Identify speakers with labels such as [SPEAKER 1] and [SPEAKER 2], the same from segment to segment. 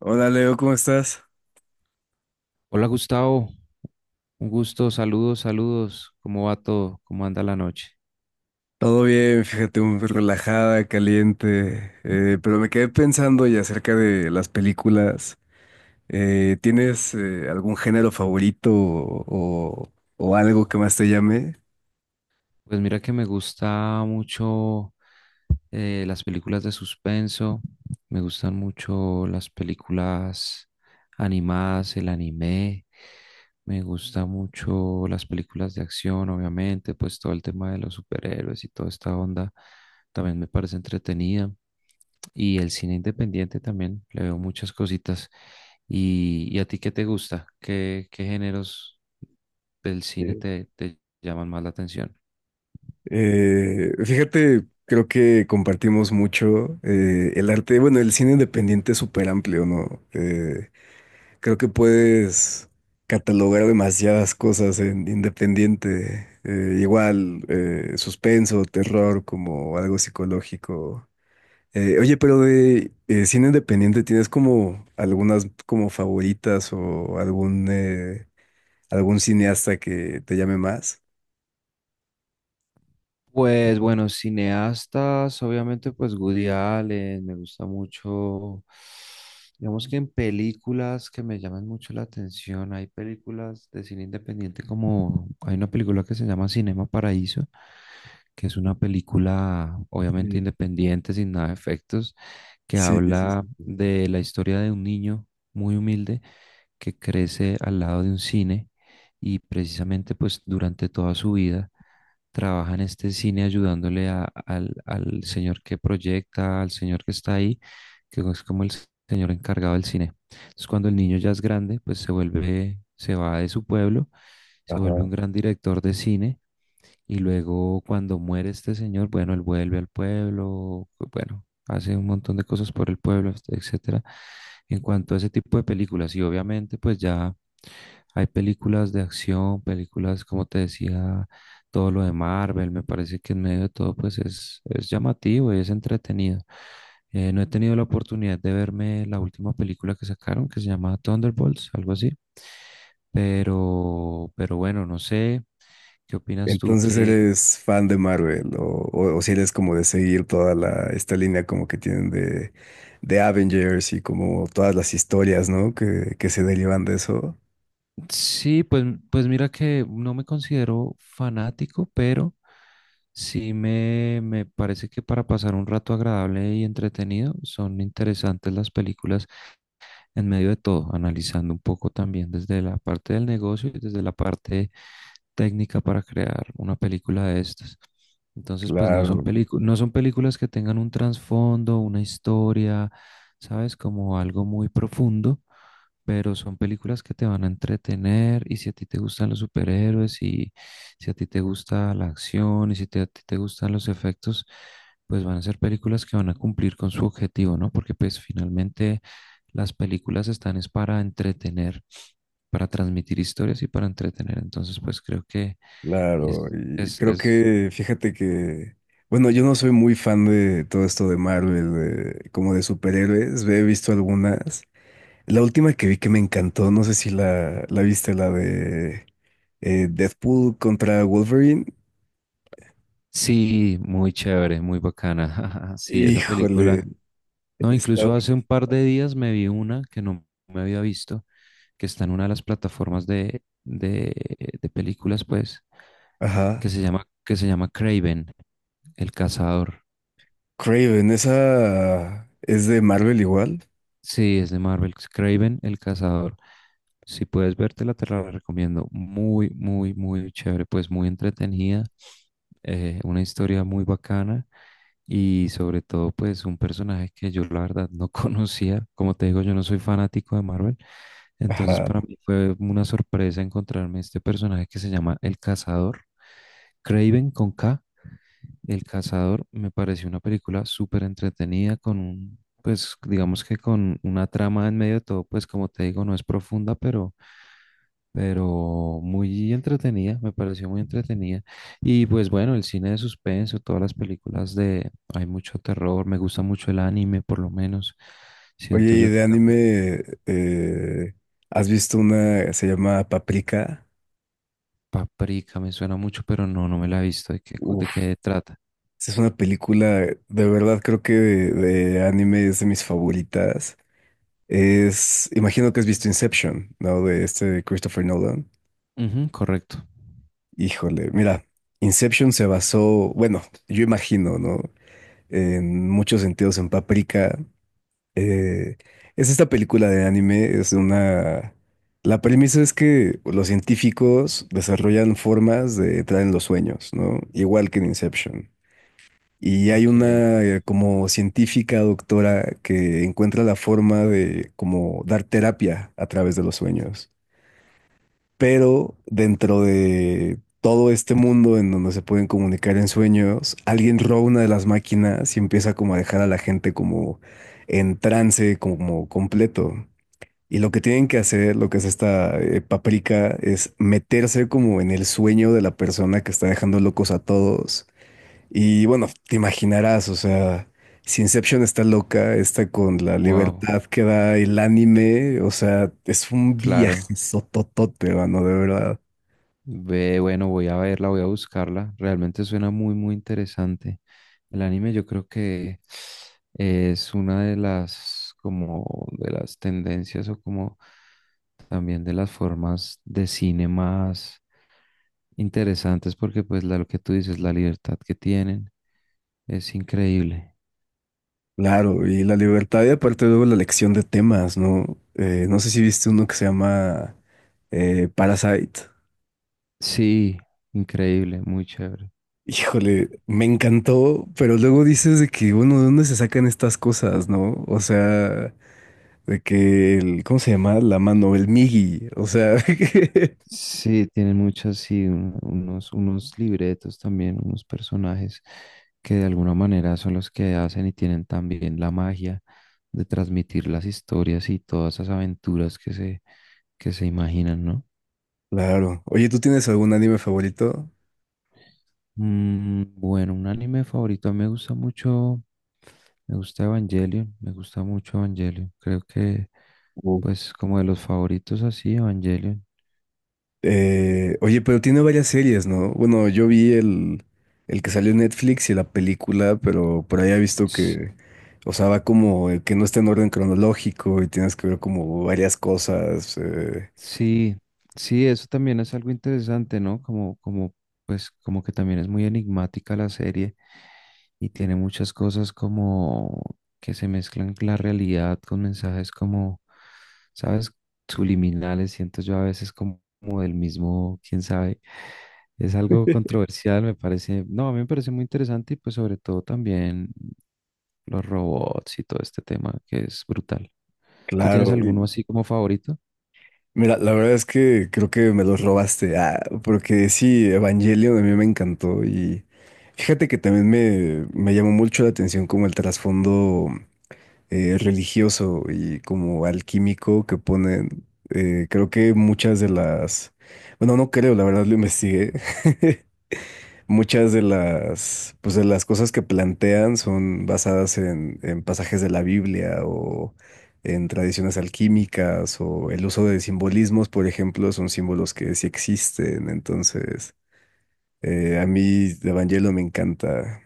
[SPEAKER 1] Hola Leo, ¿cómo estás?
[SPEAKER 2] Hola Gustavo, un gusto, saludos, saludos. ¿Cómo va todo? ¿Cómo anda la noche?
[SPEAKER 1] Todo bien, fíjate, muy relajada, caliente, pero me quedé pensando y acerca de las películas. ¿Tienes algún género favorito o algo que más te llame?
[SPEAKER 2] Pues mira que me gusta mucho las películas de suspenso, me gustan mucho las películas animadas, el anime, me gusta mucho las películas de acción, obviamente, pues todo el tema de los superhéroes y toda esta onda también me parece entretenida. Y el cine independiente también, le veo muchas cositas. ¿Y a ti qué te gusta? ¿Qué géneros del cine
[SPEAKER 1] Sí.
[SPEAKER 2] te llaman más la atención?
[SPEAKER 1] Fíjate, creo que compartimos mucho el arte, bueno, el cine independiente es súper amplio, ¿no? Creo que puedes catalogar demasiadas cosas en independiente. Igual, suspenso, terror, como algo psicológico. Oye, pero de cine independiente, ¿tienes como algunas como favoritas o algún, algún cineasta que te llame más?
[SPEAKER 2] Pues bueno, cineastas, obviamente, pues Woody Allen, me gusta mucho. Digamos que en películas que me llaman mucho la atención, hay películas de cine independiente como hay una película que se llama Cinema Paraíso, que es una película obviamente
[SPEAKER 1] Sí,
[SPEAKER 2] independiente, sin nada de efectos, que
[SPEAKER 1] sí, sí, sí,
[SPEAKER 2] habla
[SPEAKER 1] sí.
[SPEAKER 2] de la historia de un niño muy humilde que crece al lado de un cine y precisamente pues durante toda su vida trabaja en este cine ayudándole al señor que proyecta, al señor que está ahí, que es como el señor encargado del cine. Entonces, cuando el niño ya es grande, pues se vuelve, se va de su pueblo, se vuelve
[SPEAKER 1] Ajá.
[SPEAKER 2] un gran director de cine y luego cuando muere este señor, bueno, él vuelve al pueblo, bueno, hace un montón de cosas por el pueblo, etcétera. En cuanto a ese tipo de películas, y obviamente pues ya hay películas de acción, películas, como te decía, todo lo de Marvel, me parece que en medio de todo pues es llamativo y es entretenido. No he tenido la oportunidad de verme la última película que sacaron, que se llama Thunderbolts, algo así. Pero bueno, no sé, ¿qué opinas tú
[SPEAKER 1] Entonces,
[SPEAKER 2] que
[SPEAKER 1] ¿eres fan de Marvel o si eres como de seguir toda la, esta línea como que tienen de Avengers y como todas las historias, ¿no? Que se derivan de eso.
[SPEAKER 2] sí, pues, pues mira que no me considero fanático, pero sí me parece que para pasar un rato agradable y entretenido son interesantes las películas en medio de todo, analizando un poco también desde la parte del negocio y desde la parte técnica para crear una película de estas? Entonces, pues
[SPEAKER 1] Claro,
[SPEAKER 2] no son películas que tengan un trasfondo, una historia, ¿sabes? Como algo muy profundo, pero son películas que te van a entretener y si a ti te gustan los superhéroes y si a ti te gusta la acción y si te- a ti te gustan los efectos, pues van a ser películas que van a cumplir con su objetivo, ¿no? Porque pues finalmente las películas están es para entretener, para transmitir historias y para entretener. Entonces, pues creo que
[SPEAKER 1] claro.
[SPEAKER 2] es,
[SPEAKER 1] Y
[SPEAKER 2] es,
[SPEAKER 1] creo
[SPEAKER 2] es,
[SPEAKER 1] que, fíjate que, bueno, yo no soy muy fan de todo esto de Marvel, de- como de superhéroes. He visto algunas. La última que vi que me encantó, no sé si la, la viste, la de Deadpool contra Wolverine.
[SPEAKER 2] sí, muy chévere, muy bacana. Sí, esa
[SPEAKER 1] Híjole.
[SPEAKER 2] película. No,
[SPEAKER 1] Está.
[SPEAKER 2] incluso hace un par de días me vi una que no me había visto, que está en una de las plataformas de películas, pues,
[SPEAKER 1] Ajá.
[SPEAKER 2] que se llama Craven, el cazador.
[SPEAKER 1] Craven, esa es de Marvel igual.
[SPEAKER 2] Sí, es de Marvel, es Kraven el Cazador. Si puedes vértela, te la recomiendo. Muy, muy, muy chévere, pues muy entretenida. Una historia muy bacana y sobre todo, pues un personaje que yo la verdad no conocía. Como te digo, yo no soy fanático de Marvel. Entonces,
[SPEAKER 1] Ajá.
[SPEAKER 2] para mí fue una sorpresa encontrarme este personaje que se llama El Cazador. Kraven con K. El Cazador me pareció una película súper entretenida con un, pues digamos que con una trama en medio de todo, pues como te digo, no es profunda, pero muy entretenida, me pareció muy entretenida. Y pues bueno, el cine de suspenso, todas las películas de, hay mucho terror, me gusta mucho el anime, por lo menos.
[SPEAKER 1] Oye,
[SPEAKER 2] Siento
[SPEAKER 1] y
[SPEAKER 2] yo que
[SPEAKER 1] de
[SPEAKER 2] la
[SPEAKER 1] anime, ¿has visto una, se llama Paprika?
[SPEAKER 2] Paprika me suena mucho, pero no, no me la he visto. ¿De qué, de
[SPEAKER 1] Uf,
[SPEAKER 2] qué trata?
[SPEAKER 1] esa es una película, de verdad creo que de anime es de mis favoritas. Es, imagino que has visto Inception, ¿no? De este Christopher Nolan.
[SPEAKER 2] Ujú, correcto.
[SPEAKER 1] Híjole, mira, Inception se basó, bueno, yo imagino, ¿no? En muchos sentidos en Paprika. Eh, es esta película de anime, es una... La premisa es que los científicos desarrollan formas de entrar en los sueños, ¿no? Igual que en Inception. Y hay
[SPEAKER 2] Ok,
[SPEAKER 1] una como científica doctora que encuentra la forma de como dar terapia a través de los sueños, pero dentro de todo este mundo en donde se pueden comunicar en sueños, alguien roba una de las máquinas y empieza como a dejar a la gente como en trance, como completo. Y lo que tienen que hacer, lo que es esta paprika, es meterse como en el sueño de la persona que está dejando locos a todos. Y bueno, te imaginarás, o sea, si Inception está loca, está con la
[SPEAKER 2] wow,
[SPEAKER 1] libertad que da el anime, o sea, es un
[SPEAKER 2] claro.
[SPEAKER 1] viaje sototote, mano, de verdad.
[SPEAKER 2] Ve, bueno, voy a verla, voy a buscarla. Realmente suena muy, muy interesante. El anime yo creo que es una de las, como, de las tendencias o como también de las formas de cine más interesantes porque pues lo que tú dices, la libertad que tienen es increíble.
[SPEAKER 1] Claro, y la libertad y aparte luego la elección de temas, ¿no? No sé si viste uno que se llama Parasite.
[SPEAKER 2] Sí, increíble, muy chévere.
[SPEAKER 1] Híjole, me encantó, pero luego dices de que, bueno, ¿de dónde se sacan estas cosas, no? O sea, de que el, ¿cómo se llama? La mano, el Migi, o sea,
[SPEAKER 2] Sí, tiene muchas, sí, unos libretos también, unos personajes que de alguna manera son los que hacen y tienen también la magia de transmitir las historias y todas esas aventuras que se imaginan, ¿no?
[SPEAKER 1] Claro. Oye, ¿tú tienes algún anime favorito?
[SPEAKER 2] Mm, bueno, un anime favorito, a mí me gusta mucho, me gusta Evangelion, me gusta mucho Evangelion, creo que
[SPEAKER 1] Uf.
[SPEAKER 2] pues como de los favoritos así, Evangelion.
[SPEAKER 1] Oye, pero tiene varias series, ¿no? Bueno, yo vi el que salió en Netflix y la película, pero por ahí he visto que, o sea, va como que no está en orden cronológico y tienes que ver como varias cosas.
[SPEAKER 2] Sí, sí, eso también es algo interesante, ¿no? Pues, como que también es muy enigmática la serie y tiene muchas cosas como que se mezclan la realidad con mensajes como, ¿sabes? Subliminales, siento yo a veces como, como del mismo, quién sabe. Es algo controversial, me parece. No, a mí me parece muy interesante y pues sobre todo también los robots y todo este tema que es brutal. ¿Tú tienes
[SPEAKER 1] Claro.
[SPEAKER 2] alguno
[SPEAKER 1] Y
[SPEAKER 2] así como favorito?
[SPEAKER 1] mira, la verdad es que creo que me los robaste. Ah, porque sí, Evangelion a mí me encantó y fíjate que también me llamó mucho la atención como el trasfondo. Religioso y como alquímico que ponen, creo que muchas de las, bueno, no creo, la verdad lo investigué, muchas de las, pues de las cosas que plantean son basadas en pasajes de la Biblia o en tradiciones alquímicas o el uso de simbolismos, por ejemplo, son símbolos que sí existen, entonces a mí Evangelio me encanta.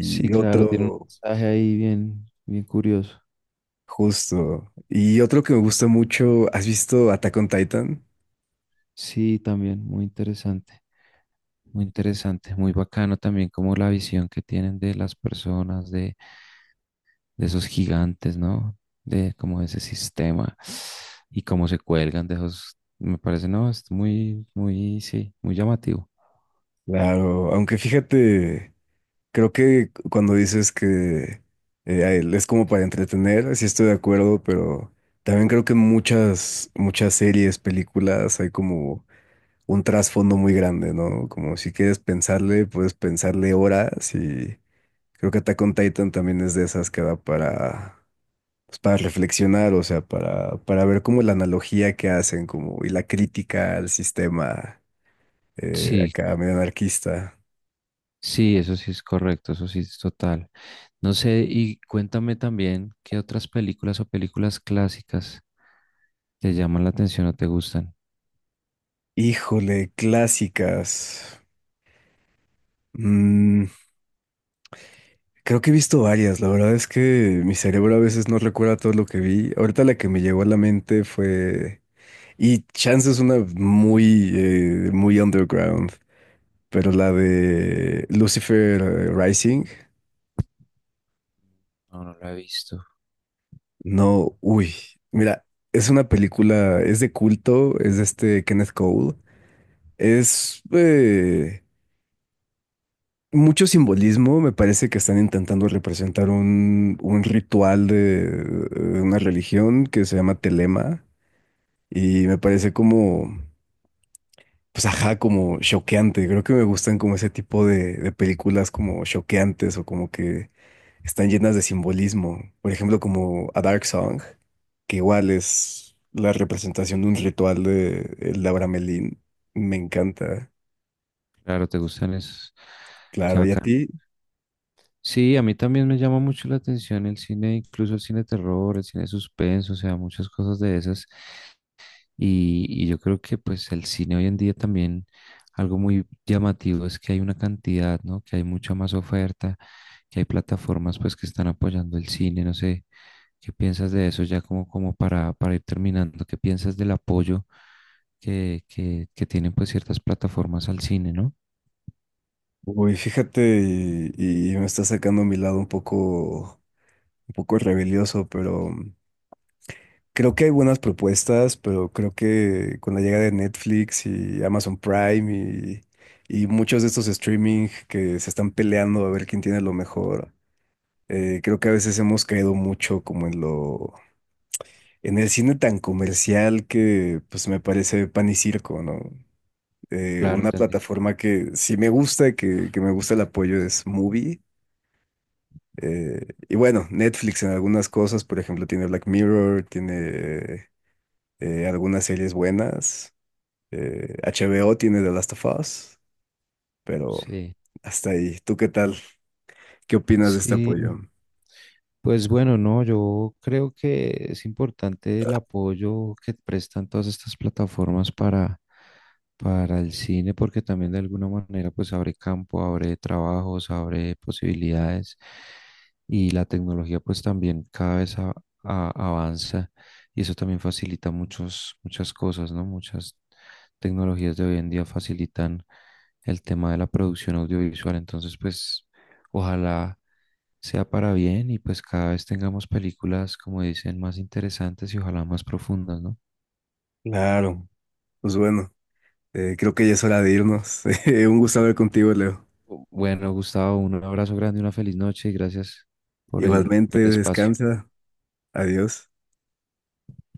[SPEAKER 2] Sí, claro, tiene un
[SPEAKER 1] otro,
[SPEAKER 2] mensaje ahí bien, bien curioso.
[SPEAKER 1] justo. Y otro que me gusta mucho, ¿has visto Attack on Titan?
[SPEAKER 2] Sí, también, muy interesante, muy interesante, muy bacano también como la visión que tienen de las personas, de esos gigantes, ¿no? De como ese sistema y cómo se cuelgan de esos, me parece, no, es muy, muy, sí, muy llamativo.
[SPEAKER 1] Claro, aunque fíjate, creo que cuando dices que a él es como para entretener, sí estoy de acuerdo, pero también creo que en muchas, muchas series, películas, hay como un trasfondo muy grande, ¿no? Como si quieres pensarle, puedes pensarle horas y creo que Attack on Titan también es de esas que da para, pues, para reflexionar, o sea, para ver cómo la analogía que hacen como, y la crítica al sistema
[SPEAKER 2] Sí,
[SPEAKER 1] acá medio anarquista.
[SPEAKER 2] sí, eso sí es correcto, eso sí es total. No sé, y cuéntame también qué otras películas o películas clásicas te llaman la atención o te gustan.
[SPEAKER 1] Híjole, clásicas. Mm, creo que he visto varias, la verdad es que mi cerebro a veces no recuerda todo lo que vi. Ahorita la que me llegó a la mente fue, y chance es una muy, muy underground, pero la de Lucifer Rising.
[SPEAKER 2] No, no la he visto.
[SPEAKER 1] No, uy, mira, es una película, es de culto, es de este Kenneth Cole, es mucho simbolismo, me parece que están intentando representar un ritual de una religión que se llama Telema y me parece como, pues ajá, como choqueante, creo que me gustan como ese tipo de películas como choqueantes o como que están llenas de simbolismo. Por ejemplo, como A Dark Song, que igual es la representación de un ritual de el Abramelín. Me encanta.
[SPEAKER 2] Claro, te gustan esos. Qué
[SPEAKER 1] Claro, ¿y a
[SPEAKER 2] bacán.
[SPEAKER 1] ti?
[SPEAKER 2] Sí, a mí también me llama mucho la atención el cine, incluso el cine de terror, el cine de suspenso, o sea, muchas cosas de esas. Y yo creo que pues el cine hoy en día también algo muy llamativo es que hay una cantidad, ¿no? Que hay mucha más oferta, que hay plataformas pues que están apoyando el cine, no sé, ¿qué piensas de eso ya como, como para ir terminando? ¿Qué piensas del apoyo que tienen pues ciertas plataformas al cine, ¿no?
[SPEAKER 1] Uy, fíjate, y me está sacando mi lado un poco rebelioso, pero creo que hay buenas propuestas, pero creo que con la llegada de Netflix y Amazon Prime y muchos de estos streaming que se están peleando a ver quién tiene lo mejor. Creo que a veces hemos caído mucho como en lo, en el cine tan comercial que pues me parece pan y circo, ¿no?
[SPEAKER 2] Claro,
[SPEAKER 1] Una
[SPEAKER 2] te entiendo.
[SPEAKER 1] plataforma que sí me gusta, que me gusta el apoyo es Movie. Y bueno, Netflix en algunas cosas, por ejemplo, tiene Black Mirror, tiene algunas series buenas. HBO tiene The Last of Us, pero
[SPEAKER 2] Sí,
[SPEAKER 1] hasta ahí. ¿Tú qué tal? ¿Qué opinas de este
[SPEAKER 2] sí,
[SPEAKER 1] apoyo?
[SPEAKER 2] pues bueno, no, yo creo que es importante el apoyo que prestan todas estas plataformas para el cine, porque también de alguna manera pues abre campo, abre trabajos, abre posibilidades y la tecnología pues también cada vez avanza y eso también facilita muchas cosas, ¿no? Muchas tecnologías de hoy en día facilitan el tema de la producción audiovisual, entonces pues ojalá sea para bien y pues cada vez tengamos películas, como dicen, más interesantes y ojalá más profundas, ¿no?
[SPEAKER 1] Claro, pues bueno. Creo que ya es hora de irnos. Un gusto hablar contigo, Leo.
[SPEAKER 2] Bueno, Gustavo, un abrazo grande, una feliz noche y gracias
[SPEAKER 1] Igualmente,
[SPEAKER 2] por el espacio.
[SPEAKER 1] descansa. Adiós.